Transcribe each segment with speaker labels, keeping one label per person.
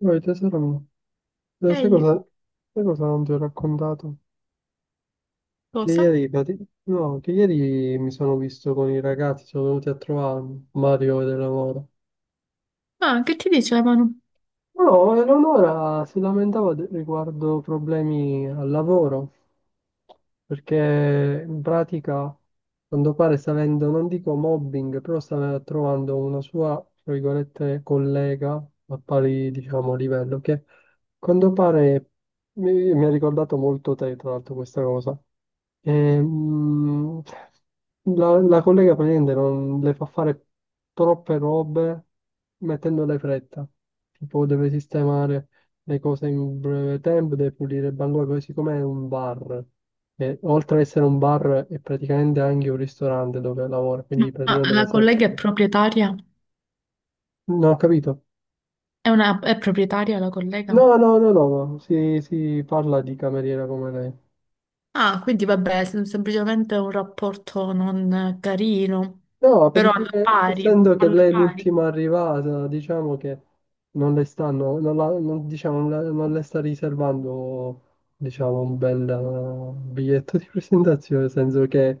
Speaker 1: Poi tesoro, mio, lo sai
Speaker 2: Ehi,
Speaker 1: cosa, sai cosa non ti ho raccontato? Che
Speaker 2: cosa?
Speaker 1: ieri, prati- no, che ieri mi sono visto con i ragazzi, sono venuti a trovarmi, Mario e Eleonora.
Speaker 2: Ah, che ti dicevano?
Speaker 1: No, Eleonora si lamentava riguardo problemi al lavoro perché in pratica, a quanto pare, sta avendo, non dico mobbing, però sta trovando una sua, tra virgolette, collega a pari, diciamo, livello, che a quanto pare mi ha ricordato molto te, tra l'altro, questa cosa. Ehm, la collega praticamente non le fa fare troppe robe mettendole fretta, tipo deve sistemare le cose in breve tempo, deve pulire il bancone, così come è un bar. E oltre ad essere un bar, è praticamente anche un ristorante dove lavora, quindi
Speaker 2: Ma
Speaker 1: praticamente la
Speaker 2: la
Speaker 1: sera.
Speaker 2: collega è proprietaria?
Speaker 1: No, ho capito.
Speaker 2: È una, è proprietaria la collega?
Speaker 1: No, no, no, no, no, Si parla di cameriera come lei.
Speaker 2: Ah, quindi vabbè, semplicemente un rapporto non carino,
Speaker 1: No,
Speaker 2: però alla
Speaker 1: perché
Speaker 2: pari,
Speaker 1: essendo che
Speaker 2: alla
Speaker 1: lei è
Speaker 2: pari.
Speaker 1: l'ultima arrivata, diciamo che non le stanno, non la- non- diciamo, non le sta riservando, diciamo, un bel biglietto di presentazione, nel senso che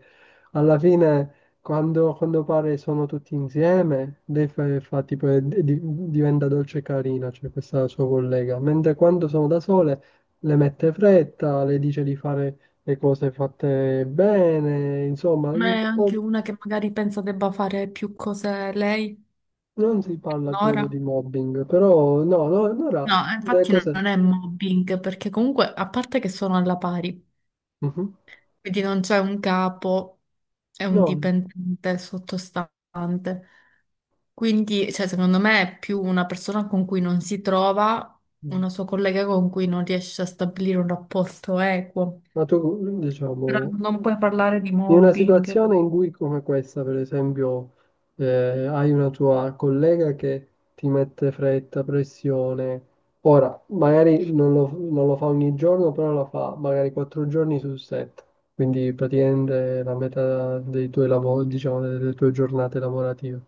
Speaker 1: alla fine quando pare sono tutti insieme, lei fa tipo, diventa dolce e carina, cioè questa sua collega, mentre quando sono da sole le mette fretta, le dice di fare le cose fatte bene, insomma,
Speaker 2: Ma
Speaker 1: un
Speaker 2: è anche
Speaker 1: po'.
Speaker 2: una che magari pensa debba fare più cose lei,
Speaker 1: Non si parla,
Speaker 2: Nora?
Speaker 1: credo, di mobbing, però no, no, allora
Speaker 2: No,
Speaker 1: le
Speaker 2: infatti non
Speaker 1: cose.
Speaker 2: non è mobbing, perché comunque, a parte che sono alla pari,
Speaker 1: Mhm.
Speaker 2: quindi non c'è un capo e un
Speaker 1: No,
Speaker 2: dipendente sottostante. Quindi, cioè, secondo me è più una persona con cui non si trova, una sua collega con cui non riesce a stabilire un rapporto equo.
Speaker 1: ma tu, diciamo,
Speaker 2: Però non puoi parlare di
Speaker 1: in una
Speaker 2: mobbing.
Speaker 1: situazione in cui come questa, per esempio, hai una tua collega che ti mette fretta, pressione, ora magari non lo fa ogni giorno, però lo fa magari 4 giorni su 7, quindi praticamente la metà dei tuoi lavori, diciamo, delle tue giornate lavorative.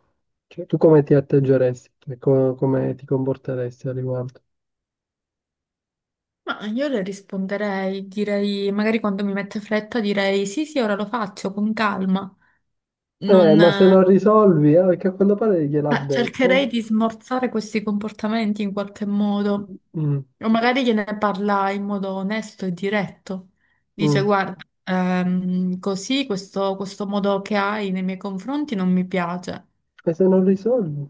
Speaker 1: Cioè, tu come ti atteggeresti? Cioè, come ti comporteresti al riguardo?
Speaker 2: Ma io le risponderei, direi, magari quando mi mette fretta direi sì, sì, ora lo faccio con calma.
Speaker 1: Ma se
Speaker 2: Non,
Speaker 1: non risolvi, perché a quanto pare gliel'ha
Speaker 2: Ma cercherei
Speaker 1: detto.
Speaker 2: di smorzare questi comportamenti in qualche modo,
Speaker 1: Mm,
Speaker 2: o magari gliene parla in modo onesto e diretto. Dice,
Speaker 1: mm.
Speaker 2: guarda, così questo modo che hai nei miei confronti non mi piace.
Speaker 1: E se non risolvi?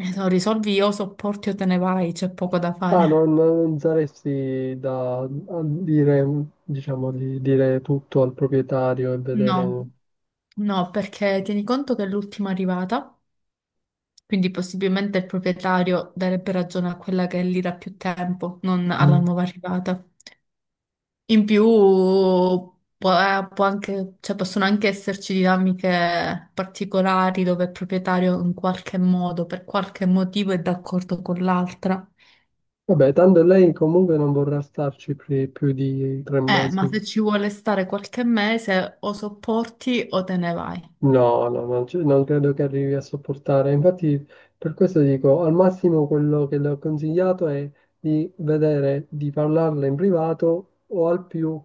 Speaker 2: Se lo risolvi o sopporti o te ne vai, c'è poco da
Speaker 1: Ah,
Speaker 2: fare.
Speaker 1: non saresti da a dire, diciamo, di dire tutto al proprietario e
Speaker 2: No,
Speaker 1: vedere.
Speaker 2: no, perché tieni conto che è l'ultima arrivata, quindi possibilmente il proprietario darebbe ragione a quella che è lì da più tempo, non alla
Speaker 1: Mm.
Speaker 2: nuova arrivata. In più cioè, possono anche esserci dinamiche particolari dove il proprietario in qualche modo, per qualche motivo, è d'accordo con l'altra.
Speaker 1: Vabbè, tanto lei comunque non vorrà starci più di tre
Speaker 2: Ma
Speaker 1: mesi.
Speaker 2: se ci vuole stare qualche mese o sopporti o te ne vai.
Speaker 1: No, no, non credo che arrivi a sopportare. Infatti, per questo dico, al massimo quello che le ho consigliato è di vedere, di parlarle in privato o al più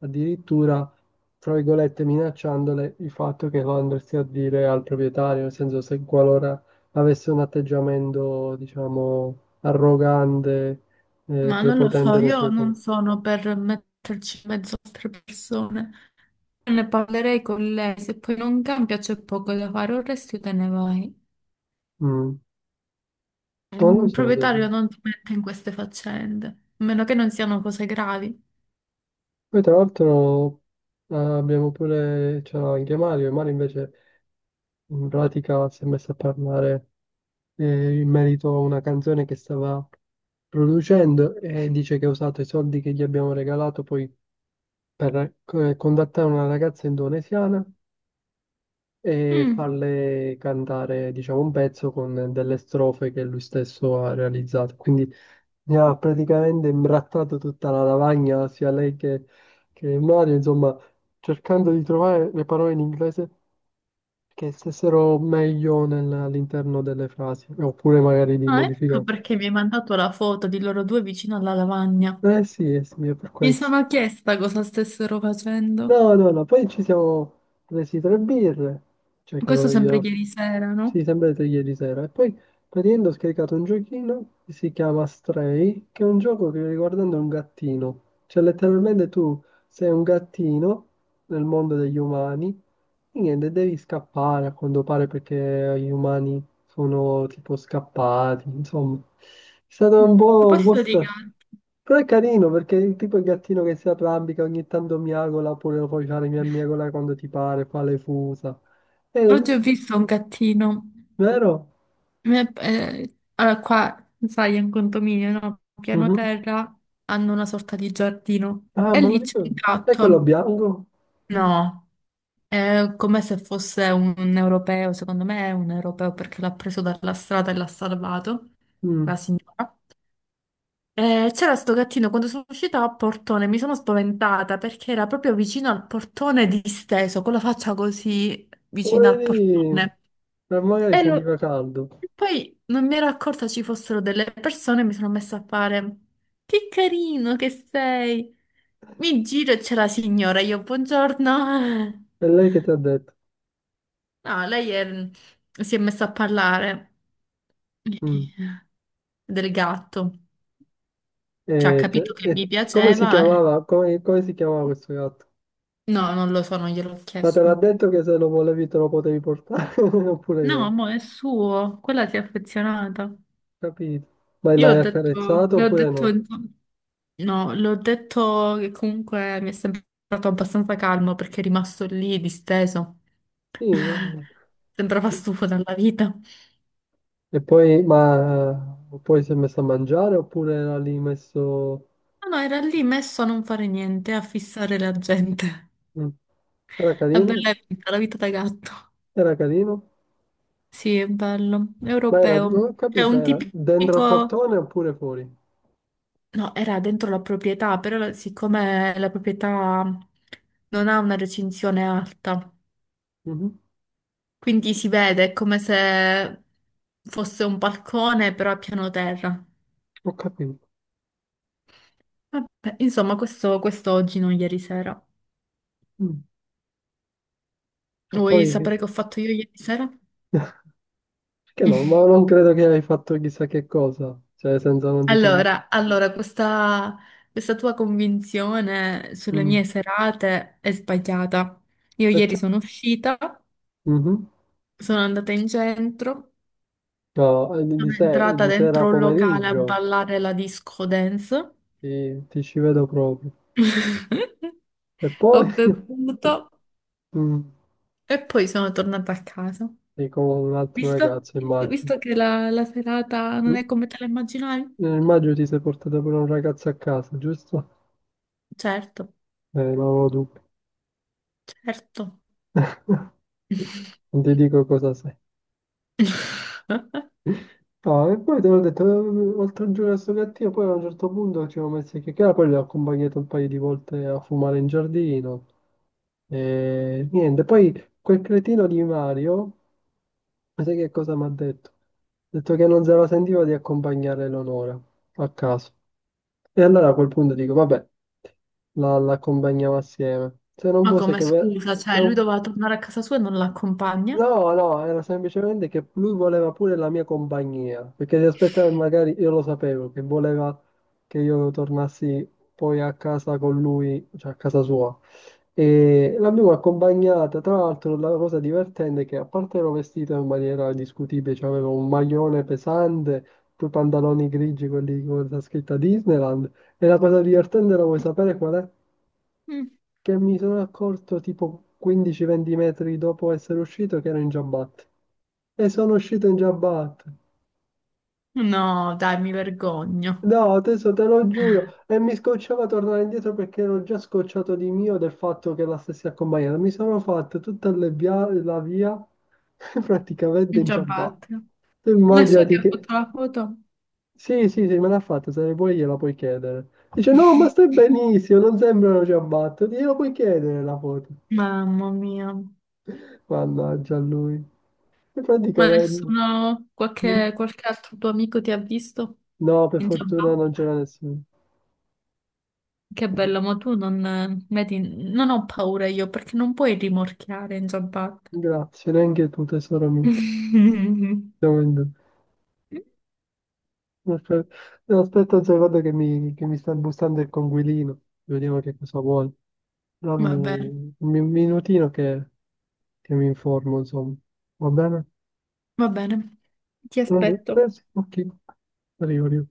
Speaker 1: addirittura, tra virgolette, minacciandole il fatto che lo andresti a dire al proprietario, nel senso se qualora avesse un atteggiamento, diciamo, arrogante,
Speaker 2: Ma non lo so,
Speaker 1: prepotente nei
Speaker 2: io
Speaker 1: suoi
Speaker 2: non
Speaker 1: confronti.
Speaker 2: sono per metterci in mezzo a altre persone. Ne parlerei con lei, se poi non cambia c'è poco da fare, o resti o te ne vai.
Speaker 1: Mm. Non lo
Speaker 2: Il
Speaker 1: so.
Speaker 2: proprietario non ti mette in queste faccende, a meno che non siano cose gravi.
Speaker 1: Poi tra l'altro abbiamo pure, c'era anche Mario, e Mario invece in pratica si è messo a parlare in merito a una canzone che stava producendo e dice che ha usato i soldi che gli abbiamo regalato poi per contattare una ragazza indonesiana e
Speaker 2: Mm.
Speaker 1: farle cantare, diciamo, un pezzo con delle strofe che lui stesso ha realizzato. Quindi mi ha praticamente imbrattato tutta la lavagna, sia lei che Mario, insomma, cercando di trovare le parole in inglese che stessero meglio all'interno delle frasi, oppure magari di
Speaker 2: Ah, ecco
Speaker 1: modificare.
Speaker 2: perché mi hai mandato la foto di loro due vicino alla lavagna.
Speaker 1: Sì, eh sì, è per
Speaker 2: Mi
Speaker 1: questo.
Speaker 2: sono chiesta cosa stessero facendo.
Speaker 1: No, no, no, poi ci siamo presi tre birre, cioè che
Speaker 2: Questo
Speaker 1: io
Speaker 2: sempre
Speaker 1: ero-
Speaker 2: ieri sera,
Speaker 1: sì,
Speaker 2: no?
Speaker 1: sempre tre ieri sera, e poi praticamente ho scaricato un giochino che si chiama Stray, che è un gioco che riguardando un gattino, cioè letteralmente tu sei un gattino nel mondo degli umani e niente, devi scappare a quanto pare perché gli umani sono tipo scappati, insomma, è stato un
Speaker 2: A
Speaker 1: po' un po'
Speaker 2: proposito di
Speaker 1: strano.
Speaker 2: gatti,
Speaker 1: Però è carino perché tipo il gattino che si arrambica ogni tanto miagola oppure lo puoi fare miagola quando ti pare, fa le fusa. Eh,
Speaker 2: oggi ho
Speaker 1: tu-
Speaker 2: visto un gattino.
Speaker 1: Vero?
Speaker 2: Allora, qua, sai, è un condominio, no? Piano
Speaker 1: Mhm.
Speaker 2: terra hanno una sorta di giardino
Speaker 1: Ah,
Speaker 2: e
Speaker 1: me lo
Speaker 2: lì c'è un
Speaker 1: ricordo. È quello
Speaker 2: gatto.
Speaker 1: bianco?
Speaker 2: No. È come se fosse un europeo, secondo me è un europeo perché l'ha preso dalla strada e l'ha salvato, la
Speaker 1: Mm.
Speaker 2: signora. E c'era sto gattino, quando sono uscita a portone mi sono spaventata perché era proprio vicino al portone disteso, con la faccia così vicino al
Speaker 1: Poverino,
Speaker 2: portone.
Speaker 1: ma magari
Speaker 2: E lo-
Speaker 1: sentiva caldo.
Speaker 2: e poi non mi ero accorta ci fossero delle persone e mi sono messa a fare, che carino che sei! Mi giro e c'è la signora, io buongiorno.
Speaker 1: È lei che ti ha detto.
Speaker 2: No, si è messa a parlare
Speaker 1: Mm.
Speaker 2: del gatto. Cioè, ha
Speaker 1: E, ti-
Speaker 2: capito che
Speaker 1: e
Speaker 2: mi
Speaker 1: come si
Speaker 2: piaceva.
Speaker 1: chiamava? Come si chiamava questo gatto?
Speaker 2: No, non lo so, non gliel'ho
Speaker 1: Ma te l'ha
Speaker 2: chiesto.
Speaker 1: detto che se lo volevi te lo potevi portare oppure
Speaker 2: No,
Speaker 1: no?
Speaker 2: mo è suo, quella si è affezionata.
Speaker 1: Capito? Ma
Speaker 2: Io ho
Speaker 1: l'hai
Speaker 2: detto,
Speaker 1: accarezzato
Speaker 2: le ho
Speaker 1: oppure
Speaker 2: detto,
Speaker 1: no?
Speaker 2: insomma, no, l'ho detto che comunque mi è sembrato abbastanza calmo perché è rimasto lì disteso.
Speaker 1: Sì, no?
Speaker 2: Sembrava stufo dalla vita. No,
Speaker 1: E poi si è messo a mangiare oppure era lì messo.
Speaker 2: no, era lì messo a non fare niente, a fissare la gente.
Speaker 1: Mm. Era
Speaker 2: La
Speaker 1: carino?
Speaker 2: bella vita, la vita da gatto.
Speaker 1: Era carino?
Speaker 2: Sì, è bello,
Speaker 1: Ma era,
Speaker 2: europeo.
Speaker 1: non ho
Speaker 2: C'è
Speaker 1: capito,
Speaker 2: un
Speaker 1: era dentro al
Speaker 2: tipico...
Speaker 1: portone oppure fuori?
Speaker 2: No, era dentro la proprietà, però siccome la proprietà non ha una recinzione alta,
Speaker 1: Mhm.
Speaker 2: quindi si vede è come se fosse un balcone, però a piano terra.
Speaker 1: Ho capito.
Speaker 2: Vabbè, insomma, questo oggi, non ieri sera.
Speaker 1: Mm. E
Speaker 2: Vuoi
Speaker 1: poi, che
Speaker 2: sapere che ho fatto io ieri sera?
Speaker 1: che no, ma non credo che hai fatto chissà che cosa, cioè senza non ti sei visto.
Speaker 2: Allora, allora, questa tua convinzione sulle
Speaker 1: Mm.
Speaker 2: mie serate è sbagliata. Io
Speaker 1: Perché?
Speaker 2: ieri sono uscita.
Speaker 1: Mhm.
Speaker 2: Sono andata in centro,
Speaker 1: No, di,
Speaker 2: sono
Speaker 1: se-
Speaker 2: entrata
Speaker 1: di sera a
Speaker 2: dentro un locale a
Speaker 1: pomeriggio
Speaker 2: ballare la disco dance,
Speaker 1: ti ci vedo proprio. E
Speaker 2: ho
Speaker 1: poi
Speaker 2: bevuto
Speaker 1: mm,
Speaker 2: e poi sono tornata a casa.
Speaker 1: sei con un altro
Speaker 2: Visto?
Speaker 1: ragazzo,
Speaker 2: Visto,
Speaker 1: immagino.
Speaker 2: visto che la serata non
Speaker 1: Mm,
Speaker 2: è come te la immaginavi?
Speaker 1: Immagino ti sei portato pure un ragazzo a casa, giusto?
Speaker 2: Certo,
Speaker 1: Non avevo dubbi.
Speaker 2: certo.
Speaker 1: Non ti dico cosa sei. No, e poi te l'ho detto, oltre a giocare a sto gattino, poi a un certo punto ci siamo messi a chiacchierare, poi l'ho accompagnato un paio di volte a fumare in giardino. E niente, poi quel cretino di Mario. Ma sai che cosa mi ha detto? Ha detto che non se la sentiva di accompagnare Eleonora a casa. E allora a quel punto dico, vabbè, la accompagniamo assieme. Se non
Speaker 2: Ma
Speaker 1: fosse
Speaker 2: come
Speaker 1: che... ve-
Speaker 2: scusa, cioè
Speaker 1: da
Speaker 2: lui
Speaker 1: un-
Speaker 2: doveva tornare a casa sua e non l'accompagna?
Speaker 1: No, no, era semplicemente che lui voleva pure la mia compagnia, perché si aspettava che magari io lo sapevo, che voleva che io tornassi poi a casa con lui, cioè a casa sua. E l'abbiamo accompagnata, tra l'altro la cosa divertente è che a parte ero vestito in maniera discutibile, cioè avevo un maglione pesante, due pantaloni grigi, quelli con la scritta Disneyland, e la cosa divertente la vuoi sapere qual è?
Speaker 2: Mm.
Speaker 1: Che mi sono accorto tipo 15-20 metri dopo essere uscito che ero in giabbatte. E sono uscito in giabbatte.
Speaker 2: No, dai, mi vergogno.
Speaker 1: No, adesso te lo giuro. E mi scocciava tornare indietro perché ero già scocciato di mio del fatto che la stessi accompagnata. Mi sono fatto tutta la via praticamente
Speaker 2: In
Speaker 1: in ciabatte.
Speaker 2: ciabatte.
Speaker 1: Tu
Speaker 2: Nessuno
Speaker 1: immaginati
Speaker 2: ti ha
Speaker 1: che.
Speaker 2: fatto la foto?
Speaker 1: Sì, sì, sì, me l'ha fatta, se ne puoi gliela puoi chiedere. Dice, no, ma stai benissimo, non sembrano ciabatte. Gliela puoi chiedere la foto.
Speaker 2: Mamma mia.
Speaker 1: Mannaggia a lui. E
Speaker 2: Ma
Speaker 1: praticamente.
Speaker 2: nessuno,
Speaker 1: Mm?
Speaker 2: qualche altro tuo amico ti ha visto
Speaker 1: No, per
Speaker 2: in giabba?
Speaker 1: fortuna non c'era nessuno.
Speaker 2: Che bello, ma tu non, vedi, non ho paura io perché non puoi rimorchiare in giabbatta.
Speaker 1: Grazie, neanche tu, tesoro mio. Siamo in due. Aspe- no, Aspetta un secondo che mi sta bussando il conguilino. Vediamo che cosa vuole.
Speaker 2: Va bene,
Speaker 1: Dammi un minutino che mi informo, insomma. Va bene?
Speaker 2: va bene, ti
Speaker 1: Tranqu-
Speaker 2: aspetto.
Speaker 1: eh sì, ok, arrivo, arrivo.